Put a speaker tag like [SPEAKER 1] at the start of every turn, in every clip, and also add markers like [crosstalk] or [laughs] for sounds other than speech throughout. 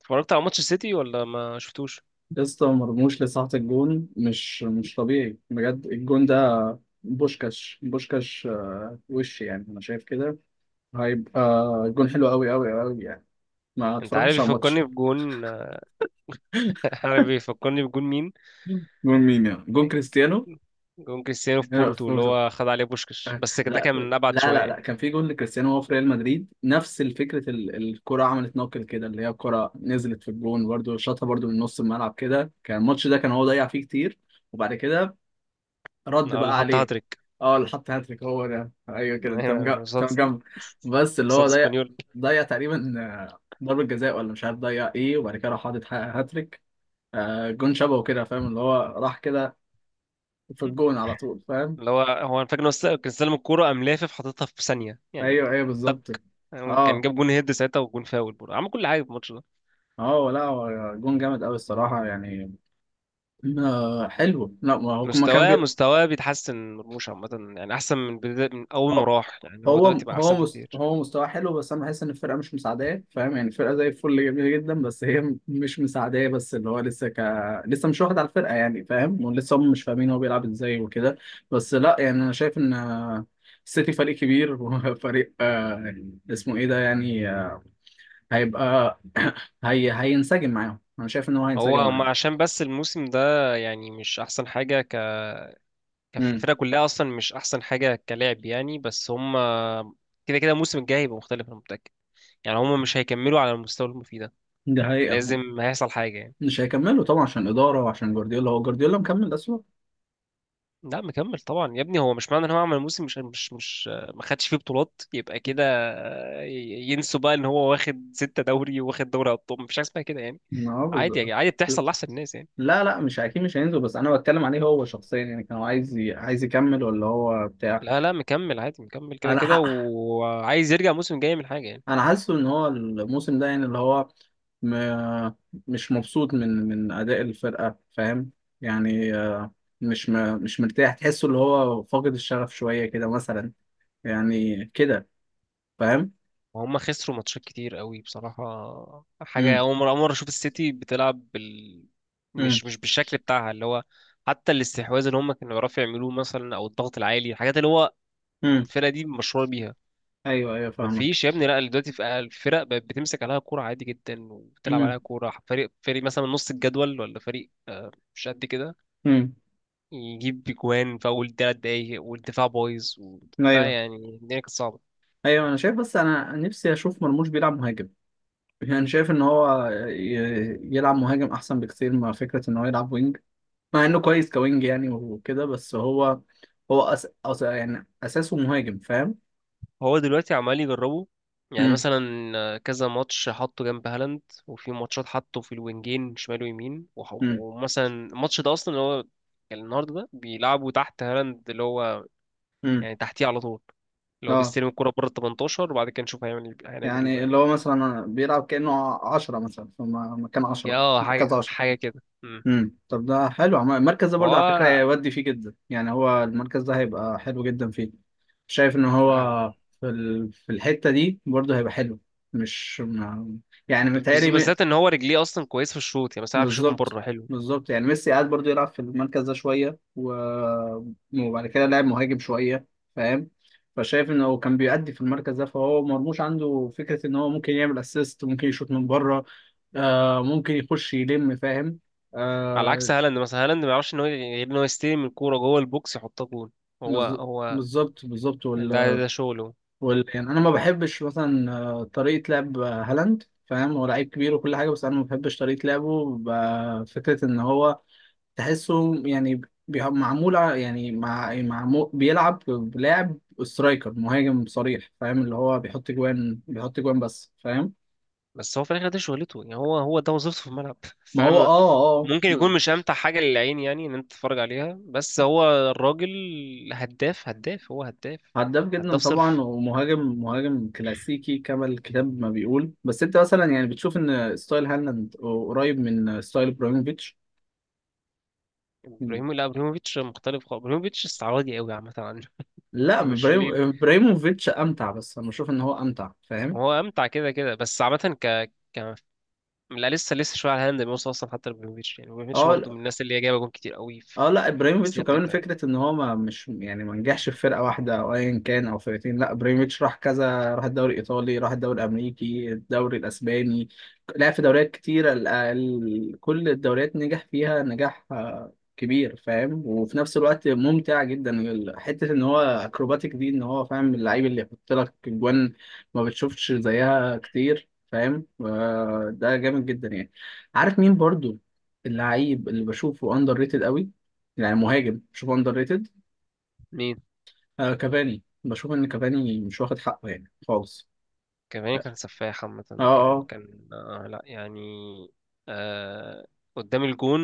[SPEAKER 1] اتفرجت على ماتش السيتي ولا ما شفتوش؟
[SPEAKER 2] يا اسطى مرموش لساعة الجون مش طبيعي بجد. الجون ده بوشكاش، بوشكاش وش يعني، انا شايف كده هيبقى جون حلو قوي قوي قوي يعني. ما
[SPEAKER 1] انت عارف
[SPEAKER 2] اتفرجتش على
[SPEAKER 1] يفكرني
[SPEAKER 2] الماتش.
[SPEAKER 1] بجون. [laughs] عارف يفكرني بجون مين؟
[SPEAKER 2] جون مين؟ يعني جون كريستيانو؟
[SPEAKER 1] جون كريستيانو في بورتو اللي
[SPEAKER 2] [laughs]
[SPEAKER 1] هو خد عليه بوشكش، بس ده
[SPEAKER 2] لا
[SPEAKER 1] كان من ابعد
[SPEAKER 2] لا
[SPEAKER 1] شويه
[SPEAKER 2] لا لا،
[SPEAKER 1] يعني.
[SPEAKER 2] كان في جون لكريستيانو وهو في ريال مدريد نفس الفكرة، الكرة عملت نوكل كده، اللي هي الكرة نزلت في الجون برده شاطها برده من نص الملعب كده. كان الماتش ده كان هو ضيع فيه كتير وبعد كده رد
[SPEAKER 1] اه، اللي
[SPEAKER 2] بقى
[SPEAKER 1] حط
[SPEAKER 2] عليه.
[SPEAKER 1] هاتريك.
[SPEAKER 2] اه، اللي حط هاتريك هو ده، ايوه
[SPEAKER 1] [laughs]
[SPEAKER 2] كده انت
[SPEAKER 1] ايوه، انا كان
[SPEAKER 2] مجمع، انت
[SPEAKER 1] قصاد،
[SPEAKER 2] مجمع. بس اللي هو
[SPEAKER 1] قصاد
[SPEAKER 2] ضيع،
[SPEAKER 1] اسبانيول.
[SPEAKER 2] ضيع تقريبا، ضربة جزاء، ولا مش عارف ضيع ايه، وبعد كده راح حاطط هاتريك. جون شبهه كده، فاهم؟ اللي هو راح كده في الجون على طول، فاهم؟
[SPEAKER 1] اللي هو هو انا فاكر ان هو كان استلم الكوره، قام لافف حاططها في ثانيه يعني.
[SPEAKER 2] ايوه ايوه
[SPEAKER 1] طب
[SPEAKER 2] بالظبط.
[SPEAKER 1] كان
[SPEAKER 2] اه
[SPEAKER 1] جاب جون هيد ساعتها، وجون فاول برضه عمل كل حاجه في الماتش ده.
[SPEAKER 2] اه لا هو جون جامد قوي الصراحة يعني. حلو. لا ما هو ما كان.
[SPEAKER 1] مستواه بيتحسن مرموش عامه يعني، احسن من بداية، من اول ما
[SPEAKER 2] هو
[SPEAKER 1] راح، يعني هو
[SPEAKER 2] هو
[SPEAKER 1] دلوقتي بقى
[SPEAKER 2] هو
[SPEAKER 1] احسن بكتير.
[SPEAKER 2] هو مستواه حلو بس انا بحس ان الفرقه مش مساعداه، فاهم؟ يعني الفرقه زي الفل، جميله جدا، بس هي مش مساعداه، بس اللي هو لسه لسه مش واخد على الفرقه، يعني فاهم؟ ولسه هم مش فاهمين هو بيلعب ازاي وكده. بس لا يعني انا شايف ان السيتي فريق كبير [laughs] وفريق اسمه ايه ده، يعني هيبقى [coughs] [clears throat] هينسجم معاهم، انا شايف ان هو
[SPEAKER 1] هو
[SPEAKER 2] هينسجم
[SPEAKER 1] هم
[SPEAKER 2] معاهم.
[SPEAKER 1] عشان بس الموسم ده يعني مش احسن حاجه
[SPEAKER 2] امم
[SPEAKER 1] الفرقه كلها اصلا مش احسن حاجه كلاعب يعني، بس هم كده كده الموسم الجاي هيبقى مختلف، انا متاكد. يعني هم مش هيكملوا على المستوى اللي هم فيه ده،
[SPEAKER 2] ده حقيقه.
[SPEAKER 1] لازم هيحصل حاجه يعني.
[SPEAKER 2] مش هيكملوا طبعا عشان الاداره وعشان جوارديولا. هو جوارديولا مكمل اسوء.
[SPEAKER 1] لا مكمل طبعا يا ابني، هو مش معنى ان هو عمل موسم مش ما خدش فيه بطولات يبقى كده، ينسوا بقى ان هو واخد 6 دوري وواخد دوري ابطال. مفيش حاجه اسمها كده يعني،
[SPEAKER 2] اه
[SPEAKER 1] عادي
[SPEAKER 2] بالظبط.
[SPEAKER 1] يعني، عادي بتحصل لاحسن الناس يعني.
[SPEAKER 2] لا لا مش اكيد مش هينزل، بس انا بتكلم عليه هو شخصيا، يعني كان هو عايز عايز يكمل ولا هو بتاع.
[SPEAKER 1] لا لا مكمل عادي، مكمل كده
[SPEAKER 2] انا
[SPEAKER 1] كده،
[SPEAKER 2] ح...
[SPEAKER 1] وعايز يرجع الموسم الجاي من حاجه يعني.
[SPEAKER 2] انا حاسه ان هو الموسم ده يعني اللي هو م... مش مبسوط من اداء الفرقه، فاهم؟ يعني مش مش مرتاح، تحسه اللي هو فاقد الشغف شويه كده مثلا. يعني كده، فاهم؟
[SPEAKER 1] وهم خسروا ماتشات كتير قوي بصراحة، حاجة
[SPEAKER 2] امم.
[SPEAKER 1] أول مرة، أول مرة أشوف السيتي بتلعب بال...
[SPEAKER 2] امم.
[SPEAKER 1] مش بالشكل بتاعها اللي هو حتى الاستحواذ اللي هم كانوا بيعرفوا يعملوه مثلا، أو الضغط العالي، الحاجات اللي هو
[SPEAKER 2] امم.
[SPEAKER 1] الفرقة دي مشهورة بيها.
[SPEAKER 2] ايوه ايوه فاهمك.
[SPEAKER 1] مفيش يا ابني، لا دلوقتي في الفرق بقت بتمسك عليها كورة عادي جدا، وبتلعب
[SPEAKER 2] امم.
[SPEAKER 1] عليها كورة فريق فريق مثلا من نص الجدول، ولا فريق آه، مش قد كده،
[SPEAKER 2] امم.
[SPEAKER 1] يجيب بجوان في أول 3 دقايق، والدفاع بايظ و...
[SPEAKER 2] ايوه
[SPEAKER 1] لا يعني الدنيا كانت صعبة.
[SPEAKER 2] ايوه انا شايف، بس انا نفسي اشوف مرموش بيلعب مهاجم. يعني شايف ان هو يلعب مهاجم احسن بكتير، مع فكره ان هو يلعب وينج، مع انه كويس كوينج يعني وكده، بس هو هو يعني اساسه مهاجم، فاهم؟
[SPEAKER 1] هو دلوقتي عمال يجربه، يعني
[SPEAKER 2] امم.
[SPEAKER 1] مثلا آه، كذا ماتش حطه جنب هالاند، وفي ماتشات حطه في الوينجين شمال ويمين، وح-
[SPEAKER 2] امم.
[SPEAKER 1] ومثلا الماتش ده اصلا اللي هو كان النهارده ده، بيلعبوا تحت هالاند، اللي هو
[SPEAKER 2] امم.
[SPEAKER 1] يعني تحتيه على طول، اللي هو
[SPEAKER 2] اه،
[SPEAKER 1] بيستلم الكرة بره ال 18، وبعد كده نشوف هيعمل إيه، هنعمل ايه
[SPEAKER 2] يعني
[SPEAKER 1] بقى
[SPEAKER 2] اللي
[SPEAKER 1] يعني.
[SPEAKER 2] هو مثلا بيلعب كانه عشرة، مثلا في مكان
[SPEAKER 1] يا
[SPEAKER 2] عشرة،
[SPEAKER 1] اه حاجة
[SPEAKER 2] مركز عشرة.
[SPEAKER 1] حاجة كده امم.
[SPEAKER 2] امم. طب ده حلو، المركز ده برضه على فكره
[SPEAKER 1] فهو
[SPEAKER 2] هيودي فيه جدا، يعني هو المركز ده هيبقى حلو جدا فيه. شايف ان هو في الحته دي برضه هيبقى حلو. مش ما- يعني متهيألي.
[SPEAKER 1] بالذات ان هو رجليه اصلا كويس في الشوط، يعني مثلا عارف يشوط من
[SPEAKER 2] بالظبط،
[SPEAKER 1] بره حلو.
[SPEAKER 2] بالظبط، يعني ميسي قعد برضو يلعب في المركز ده شويه وبعد كده لعب مهاجم شويه، فاهم؟ فشايف ان هو كان بيأدي في المركز ده، فهو مرموش عنده فكره ان هو ممكن يعمل اسيست، ممكن يشوط من بره، آه ممكن يخش يلم، فاهم؟
[SPEAKER 1] على
[SPEAKER 2] آه.
[SPEAKER 1] عكس هالاند مثلا، هالاند ما يعرفش ان هو غير ان هو يستلم الكورة جوه البوكس يحطها جول. هو
[SPEAKER 2] بالظ-
[SPEAKER 1] هو
[SPEAKER 2] بالظبط، بالظبط،
[SPEAKER 1] ده ده شغله.
[SPEAKER 2] يعني انا ما بحبش مثلا طريقه لعب هالاند، فاهم؟ هو لعيب كبير وكل حاجه، بس انا ما بحبش طريقه لعبه، فكره ان هو تحسه يعني معمول يعني معمول بيلعب بلاعب سترايكر، مهاجم صريح، فاهم؟ اللي هو بيحط جوان، بيحط جوان بس، فاهم؟
[SPEAKER 1] بس هو في الاخر ده شغلته يعني، هو ده وظيفته في الملعب. [laughs]
[SPEAKER 2] ما
[SPEAKER 1] فانا
[SPEAKER 2] هو
[SPEAKER 1] م-
[SPEAKER 2] اه
[SPEAKER 1] ممكن يكون مش امتع حاجه للعين يعني ان انت تتفرج عليها، بس هو الراجل هداف، هداف، هو هداف،
[SPEAKER 2] هداف جدا
[SPEAKER 1] هداف
[SPEAKER 2] طبعا،
[SPEAKER 1] صرف.
[SPEAKER 2] ومهاجم، مهاجم كلاسيكي كما الكتاب ما بيقول. بس انت مثلا يعني بتشوف ان ستايل هالاند قريب من ستايل ابراهيموفيتش.
[SPEAKER 1] لا، ابراهيموفيتش مختلف خالص، ابراهيموفيتش استعراضي قوي عامه عنه.
[SPEAKER 2] لا
[SPEAKER 1] [laughs] مش ليه،
[SPEAKER 2] ابراهيموفيتش امتع، بس انا بشوف ان هو امتع، فاهم؟
[SPEAKER 1] هو امتع كده كده، بس عامه ك ك لا لسه، لسه شويه على هاند بيوصل اصلا حتى لابراهيموفيتش يعني. ابراهيموفيتش برضه
[SPEAKER 2] اه،
[SPEAKER 1] من الناس اللي هي جايبه جون كتير قوي في
[SPEAKER 2] اه لا
[SPEAKER 1] في
[SPEAKER 2] ابراهيموفيتش،
[SPEAKER 1] السيره
[SPEAKER 2] وكمان
[SPEAKER 1] بتاعتها يعني.
[SPEAKER 2] فكره ان هو ما مش يعني ما نجحش في فرقه واحده او ايا كان او فرقتين. لا، ابراهيموفيتش راح كذا، راح الدوري الايطالي، راح الدوري الامريكي، الدوري الاسباني، لعب في دوريات كتيره، كل الدوريات نجح فيها نجاح كبير، فاهم؟ وفي نفس الوقت ممتع جدا، حته ان هو اكروباتيك دي، ان هو فاهم، اللعيب اللي يحط لك جوان ما بتشوفش زيها كتير، فاهم؟ ده جامد جدا يعني. عارف مين برضو؟ اللعيب اللي بشوفه اندر ريتد قوي، يعني مهاجم بشوفه اندر ريتد،
[SPEAKER 1] مين؟
[SPEAKER 2] آه كافاني. بشوف ان كافاني مش واخد حقه يعني خالص.
[SPEAKER 1] كافاني كان سفاح عامة، كان
[SPEAKER 2] اه.
[SPEAKER 1] كان آه لا يعني، آه قدام الجون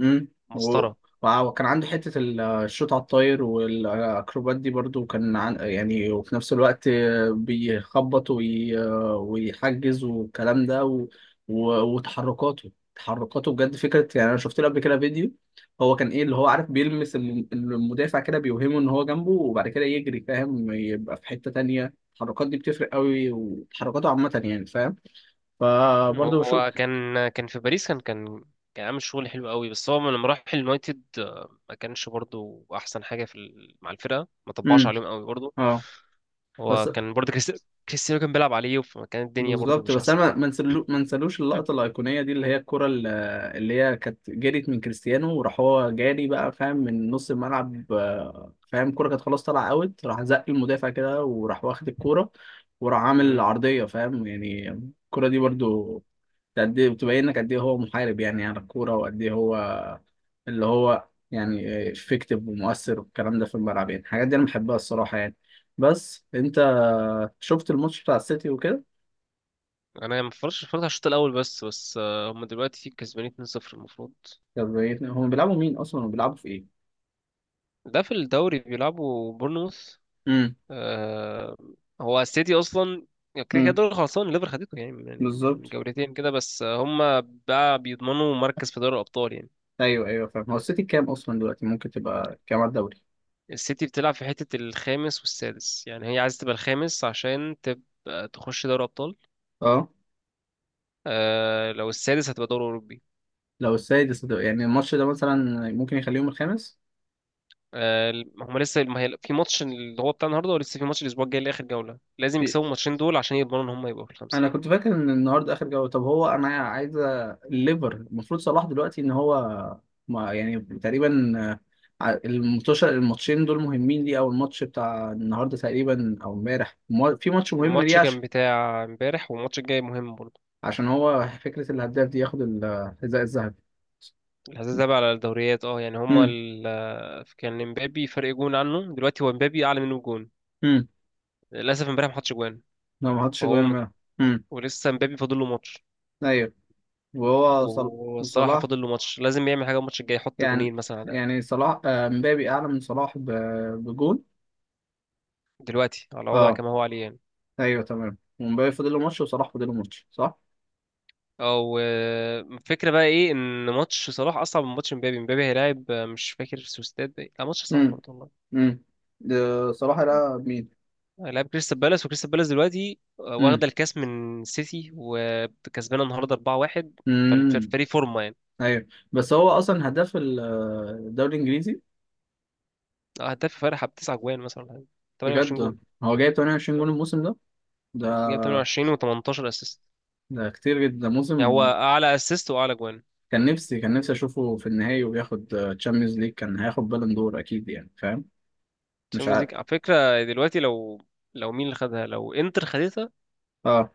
[SPEAKER 2] امم. و...
[SPEAKER 1] مسطرة.
[SPEAKER 2] وكان عنده حتة الشوط على الطاير والأكروبات دي برضو، كان يعني، وفي نفس الوقت بيخبط ويحجز والكلام ده، وتحركاته، تحركاته بجد فكرة. يعني أنا شفت له قبل كده فيديو، هو كان إيه اللي هو عارف بيلمس المدافع كده، بيوهمه إن هو جنبه، وبعد كده يجري، فاهم؟ يبقى في حتة تانية. التحركات دي بتفرق قوي، وتحركاته عامة يعني، فاهم؟ فبرضه بشوف.
[SPEAKER 1] هو كان في باريس، كان كان عامل شغل حلو قوي، بس هو لما راح اليونايتد آه، ما كانش برضو أحسن حاجة في مع الفرقة، ما طبعش
[SPEAKER 2] امم.
[SPEAKER 1] عليهم قوي برضو.
[SPEAKER 2] اه، بس
[SPEAKER 1] هو كان برضو كريستيانو كان بيلعب عليه، فكانت الدنيا برضو
[SPEAKER 2] بالظبط،
[SPEAKER 1] مش
[SPEAKER 2] بس
[SPEAKER 1] أحسن
[SPEAKER 2] انا
[SPEAKER 1] حاجة.
[SPEAKER 2] ما نسلوش
[SPEAKER 1] [laughs]
[SPEAKER 2] اللقطه الايقونيه دي، اللي هي اللي هي كانت جريت من كريستيانو وراح هو جاري بقى، فاهم؟ من نص الملعب، فاهم الكره كانت خلاص طالعه اوت، راح زق المدافع كده، وراح واخد الكوره، وراح عامل
[SPEAKER 1] مم.
[SPEAKER 2] عرضيه، فاهم يعني؟ الكره دي برضو قد ايه بتبينك قد ايه هو محارب يعني على الكوره، وقد ايه هو اللي هو يعني افكتيف ومؤثر والكلام ده في الملعب، يعني الحاجات دي انا بحبها الصراحه يعني. بس انت شفت الماتش بتاع السيتي وكده؟
[SPEAKER 1] انا ما اتفرجتش، اتفرجت على الشوط الاول بس، هم دلوقتي كسبانين 2-0 المفروض.
[SPEAKER 2] طب ايه؟ هم بيلعبوا مين اصلا، وبيلعبوا في ايه؟
[SPEAKER 1] ده في الدوري بيلعبوا بورنموث.
[SPEAKER 2] امم.
[SPEAKER 1] آه، هو السيتي اصلا كده كده
[SPEAKER 2] امم.
[SPEAKER 1] دوري خلصان، الليفر خدته يعني من
[SPEAKER 2] بالظبط.
[SPEAKER 1] من جولتين كده، بس هم بقى بيضمنوا مركز في دوري الابطال يعني.
[SPEAKER 2] ايوه ايوه فاهم. هو السيتي كام اصلا دلوقتي؟ ممكن تبقى كام على الدوري؟
[SPEAKER 1] السيتي بتلعب في حته الخامس والسادس، يعني هي عايزه تبقى الخامس عشان تبقى تخش دوري ابطال،
[SPEAKER 2] اه،
[SPEAKER 1] آه لو السادس هتبقى دوري اوروبي.
[SPEAKER 2] لو السادس هتبقى. يعني الماتش ده مثلا ممكن يخليهم الخامس؟
[SPEAKER 1] آه، هم لسه ما هي- في ماتش اللي هو بتاع النهارده، ولسه في ماتش الاسبوع الجاي لاخر جوله. لازم
[SPEAKER 2] في.
[SPEAKER 1] يكسبوا الماتشين دول عشان يضمنوا ان هم يبقوا في الخمسه.
[SPEAKER 2] انا كنت فاكر ان النهارده اخر جوله. طب هو انا عايز الليفر، المفروض صلاح دلوقتي ان هو ما يعني تقريبا، الماتش، الماتشين دول مهمين ليه؟ او الماتش بتاع النهارده تقريبا، او امبارح، في ماتش مهم
[SPEAKER 1] الماتش
[SPEAKER 2] ليه؟
[SPEAKER 1] كان
[SPEAKER 2] عشان،
[SPEAKER 1] بتاع امبارح، والماتش الجاي مهم برضه.
[SPEAKER 2] عشان هو فكره الهداف دي، ياخد الحذاء الذهبي.
[SPEAKER 1] الحساس ده بقى على الدوريات اه يعني، هما
[SPEAKER 2] امم.
[SPEAKER 1] ال... كان امبابي فرق جون عنه، دلوقتي هو امبابي اعلى منه بجون.
[SPEAKER 2] امم.
[SPEAKER 1] للاسف امبارح ما حطش جوان،
[SPEAKER 2] لو ما حطش
[SPEAKER 1] فهو
[SPEAKER 2] جوان
[SPEAKER 1] م-
[SPEAKER 2] منها. امم.
[SPEAKER 1] ولسه امبابي فاضل له ماتش.
[SPEAKER 2] ايوه. وهو صل...
[SPEAKER 1] والصراحه
[SPEAKER 2] وصلاح
[SPEAKER 1] فاضل له ماتش، لازم يعمل حاجه الماتش الجاي، يحط
[SPEAKER 2] يعني،
[SPEAKER 1] جونين مثلا على الأقل.
[SPEAKER 2] يعني صلاح، مبابي اعلى من صلاح بجون.
[SPEAKER 1] دلوقتي على وضع
[SPEAKER 2] اه.
[SPEAKER 1] كما هو عليه يعني.
[SPEAKER 2] ايوه تمام، ومبابي فاضل له ماتش، وصلاح فاضل له ماتش، صح؟
[SPEAKER 1] او آه، الفكره بقى ايه، ان ماتش صلاح اصعب من ماتش امبابي. امبابي هيلاعب آه، مش فاكر سوستات بقى. لا ماتش صعب
[SPEAKER 2] امم.
[SPEAKER 1] برضه والله،
[SPEAKER 2] امم. ده صلاح ده مين؟
[SPEAKER 1] هيلاعب كريستال بالاس، وكريستال بالاس دلوقتي آه،
[SPEAKER 2] امم.
[SPEAKER 1] واخده الكاس من سيتي، وكسبانه النهارده 4-1.
[SPEAKER 2] امم.
[SPEAKER 1] فالفريق فورمه يعني.
[SPEAKER 2] ايوه. بس هو اصلا هداف الدوري الانجليزي؟
[SPEAKER 1] آه، هداف فرحة بتسع جوان مثلا ولا حاجة. 28
[SPEAKER 2] بجد؟
[SPEAKER 1] جون.
[SPEAKER 2] هو جايب 28
[SPEAKER 1] آه.
[SPEAKER 2] جون الموسم ده؟ ده،
[SPEAKER 1] جاب 28 و18 اسيست،
[SPEAKER 2] ده كتير جدا، ده موسم.
[SPEAKER 1] يعني هو اعلى اسيست واعلى جوان في
[SPEAKER 2] كان
[SPEAKER 1] الدوري.
[SPEAKER 2] نفسي، كان نفسي اشوفه في النهائي وبياخد تشامبيونز ليج، كان هياخد بالون دور اكيد يعني، فاهم؟ مش
[SPEAKER 1] الشامبيونز ليج
[SPEAKER 2] عارف.
[SPEAKER 1] على فكرة دلوقتي لو مين اللي خدها، لو انتر خدتها،
[SPEAKER 2] اه.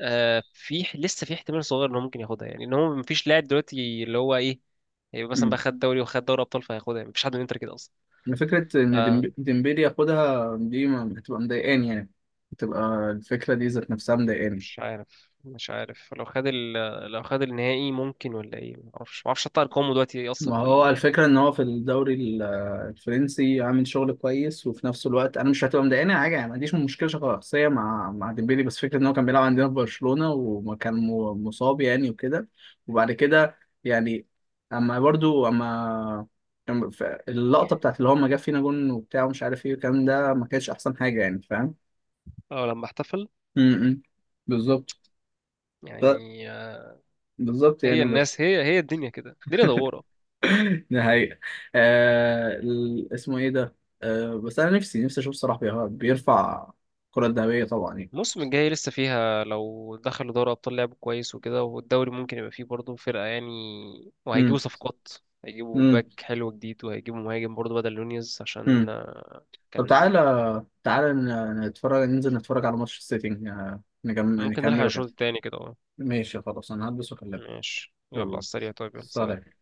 [SPEAKER 1] آه في لسه في احتمال صغير ان هو ممكن ياخدها يعني، ان هو مفيش لاعب دلوقتي اللي هو ايه، هيبقى مثلا
[SPEAKER 2] امم.
[SPEAKER 1] بقى خد دوري وخد دوري ابطال فهياخدها. مفيش حد من انتر كده اصلا.
[SPEAKER 2] فكره ان
[SPEAKER 1] آه،
[SPEAKER 2] ديمبلي ياخدها دي هتبقى مضايقاني يعني، هتبقى الفكره دي ذات نفسها مضايقاني.
[SPEAKER 1] مش عارف، مش عارف لو خد ال... لو خد النهائي ممكن، ولا ايه معرفش، معرفش حتى ارقامه دلوقتي ايه اصلا
[SPEAKER 2] ما
[SPEAKER 1] في
[SPEAKER 2] هو
[SPEAKER 1] ال...
[SPEAKER 2] الفكرة إن هو في الفرنسي عامل شغل كويس، وفي نفس الوقت أنا مش هتبقى مضايقاني حاجة يعني. ما عنديش مشكلة شخصية مع، مع ديمبلي، بس فكرة إن هو كان بيلعب عندنا في برشلونة وكان مصاب يعني وكده، وبعد كده يعني، أما برضو، أما، أما اللقطة بتاعت اللي هو ما جاب فينا جون وبتاع ومش عارف إيه والكلام ده، ما كانتش أحسن حاجة يعني، فاهم؟
[SPEAKER 1] أو لما احتفل،
[SPEAKER 2] م- م. بالظبط. ف-
[SPEAKER 1] يعني
[SPEAKER 2] بالظبط
[SPEAKER 1] هي
[SPEAKER 2] يعني، بس
[SPEAKER 1] الناس هي هي الدنيا كده، الدنيا دوارة.
[SPEAKER 2] [laughs] ده حقيقة. اسمه ايه ده؟ بس انا نفسي، نفسي اشوف صلاح بيرفع الكرة الذهبية طبعا يعني.
[SPEAKER 1] الموسم الجاي لسه فيها، لو دخلوا دوري أبطال لعب كويس وكده، والدوري ممكن يبقى فيه برضه فرقة يعني، وهيجيبوا
[SPEAKER 2] امم.
[SPEAKER 1] صفقات، هيجيبوا
[SPEAKER 2] امم.
[SPEAKER 1] باك حلو جديد، وهيجيبوا مهاجم برضه بدل نونيز عشان
[SPEAKER 2] امم. طب
[SPEAKER 1] كان.
[SPEAKER 2] تعالى، تعالى نتفرج، ننزل نتفرج على ماتش السيتي، نكمل،
[SPEAKER 1] ممكن نلحق
[SPEAKER 2] نكمله كده.
[SPEAKER 1] الشوط التاني كده اه.
[SPEAKER 2] ماشي خلاص، انا هلبس واكلمك.
[SPEAKER 1] ماشي، يلا على
[SPEAKER 2] يلا
[SPEAKER 1] السريع، طيب يلا سلام.
[SPEAKER 2] سلام.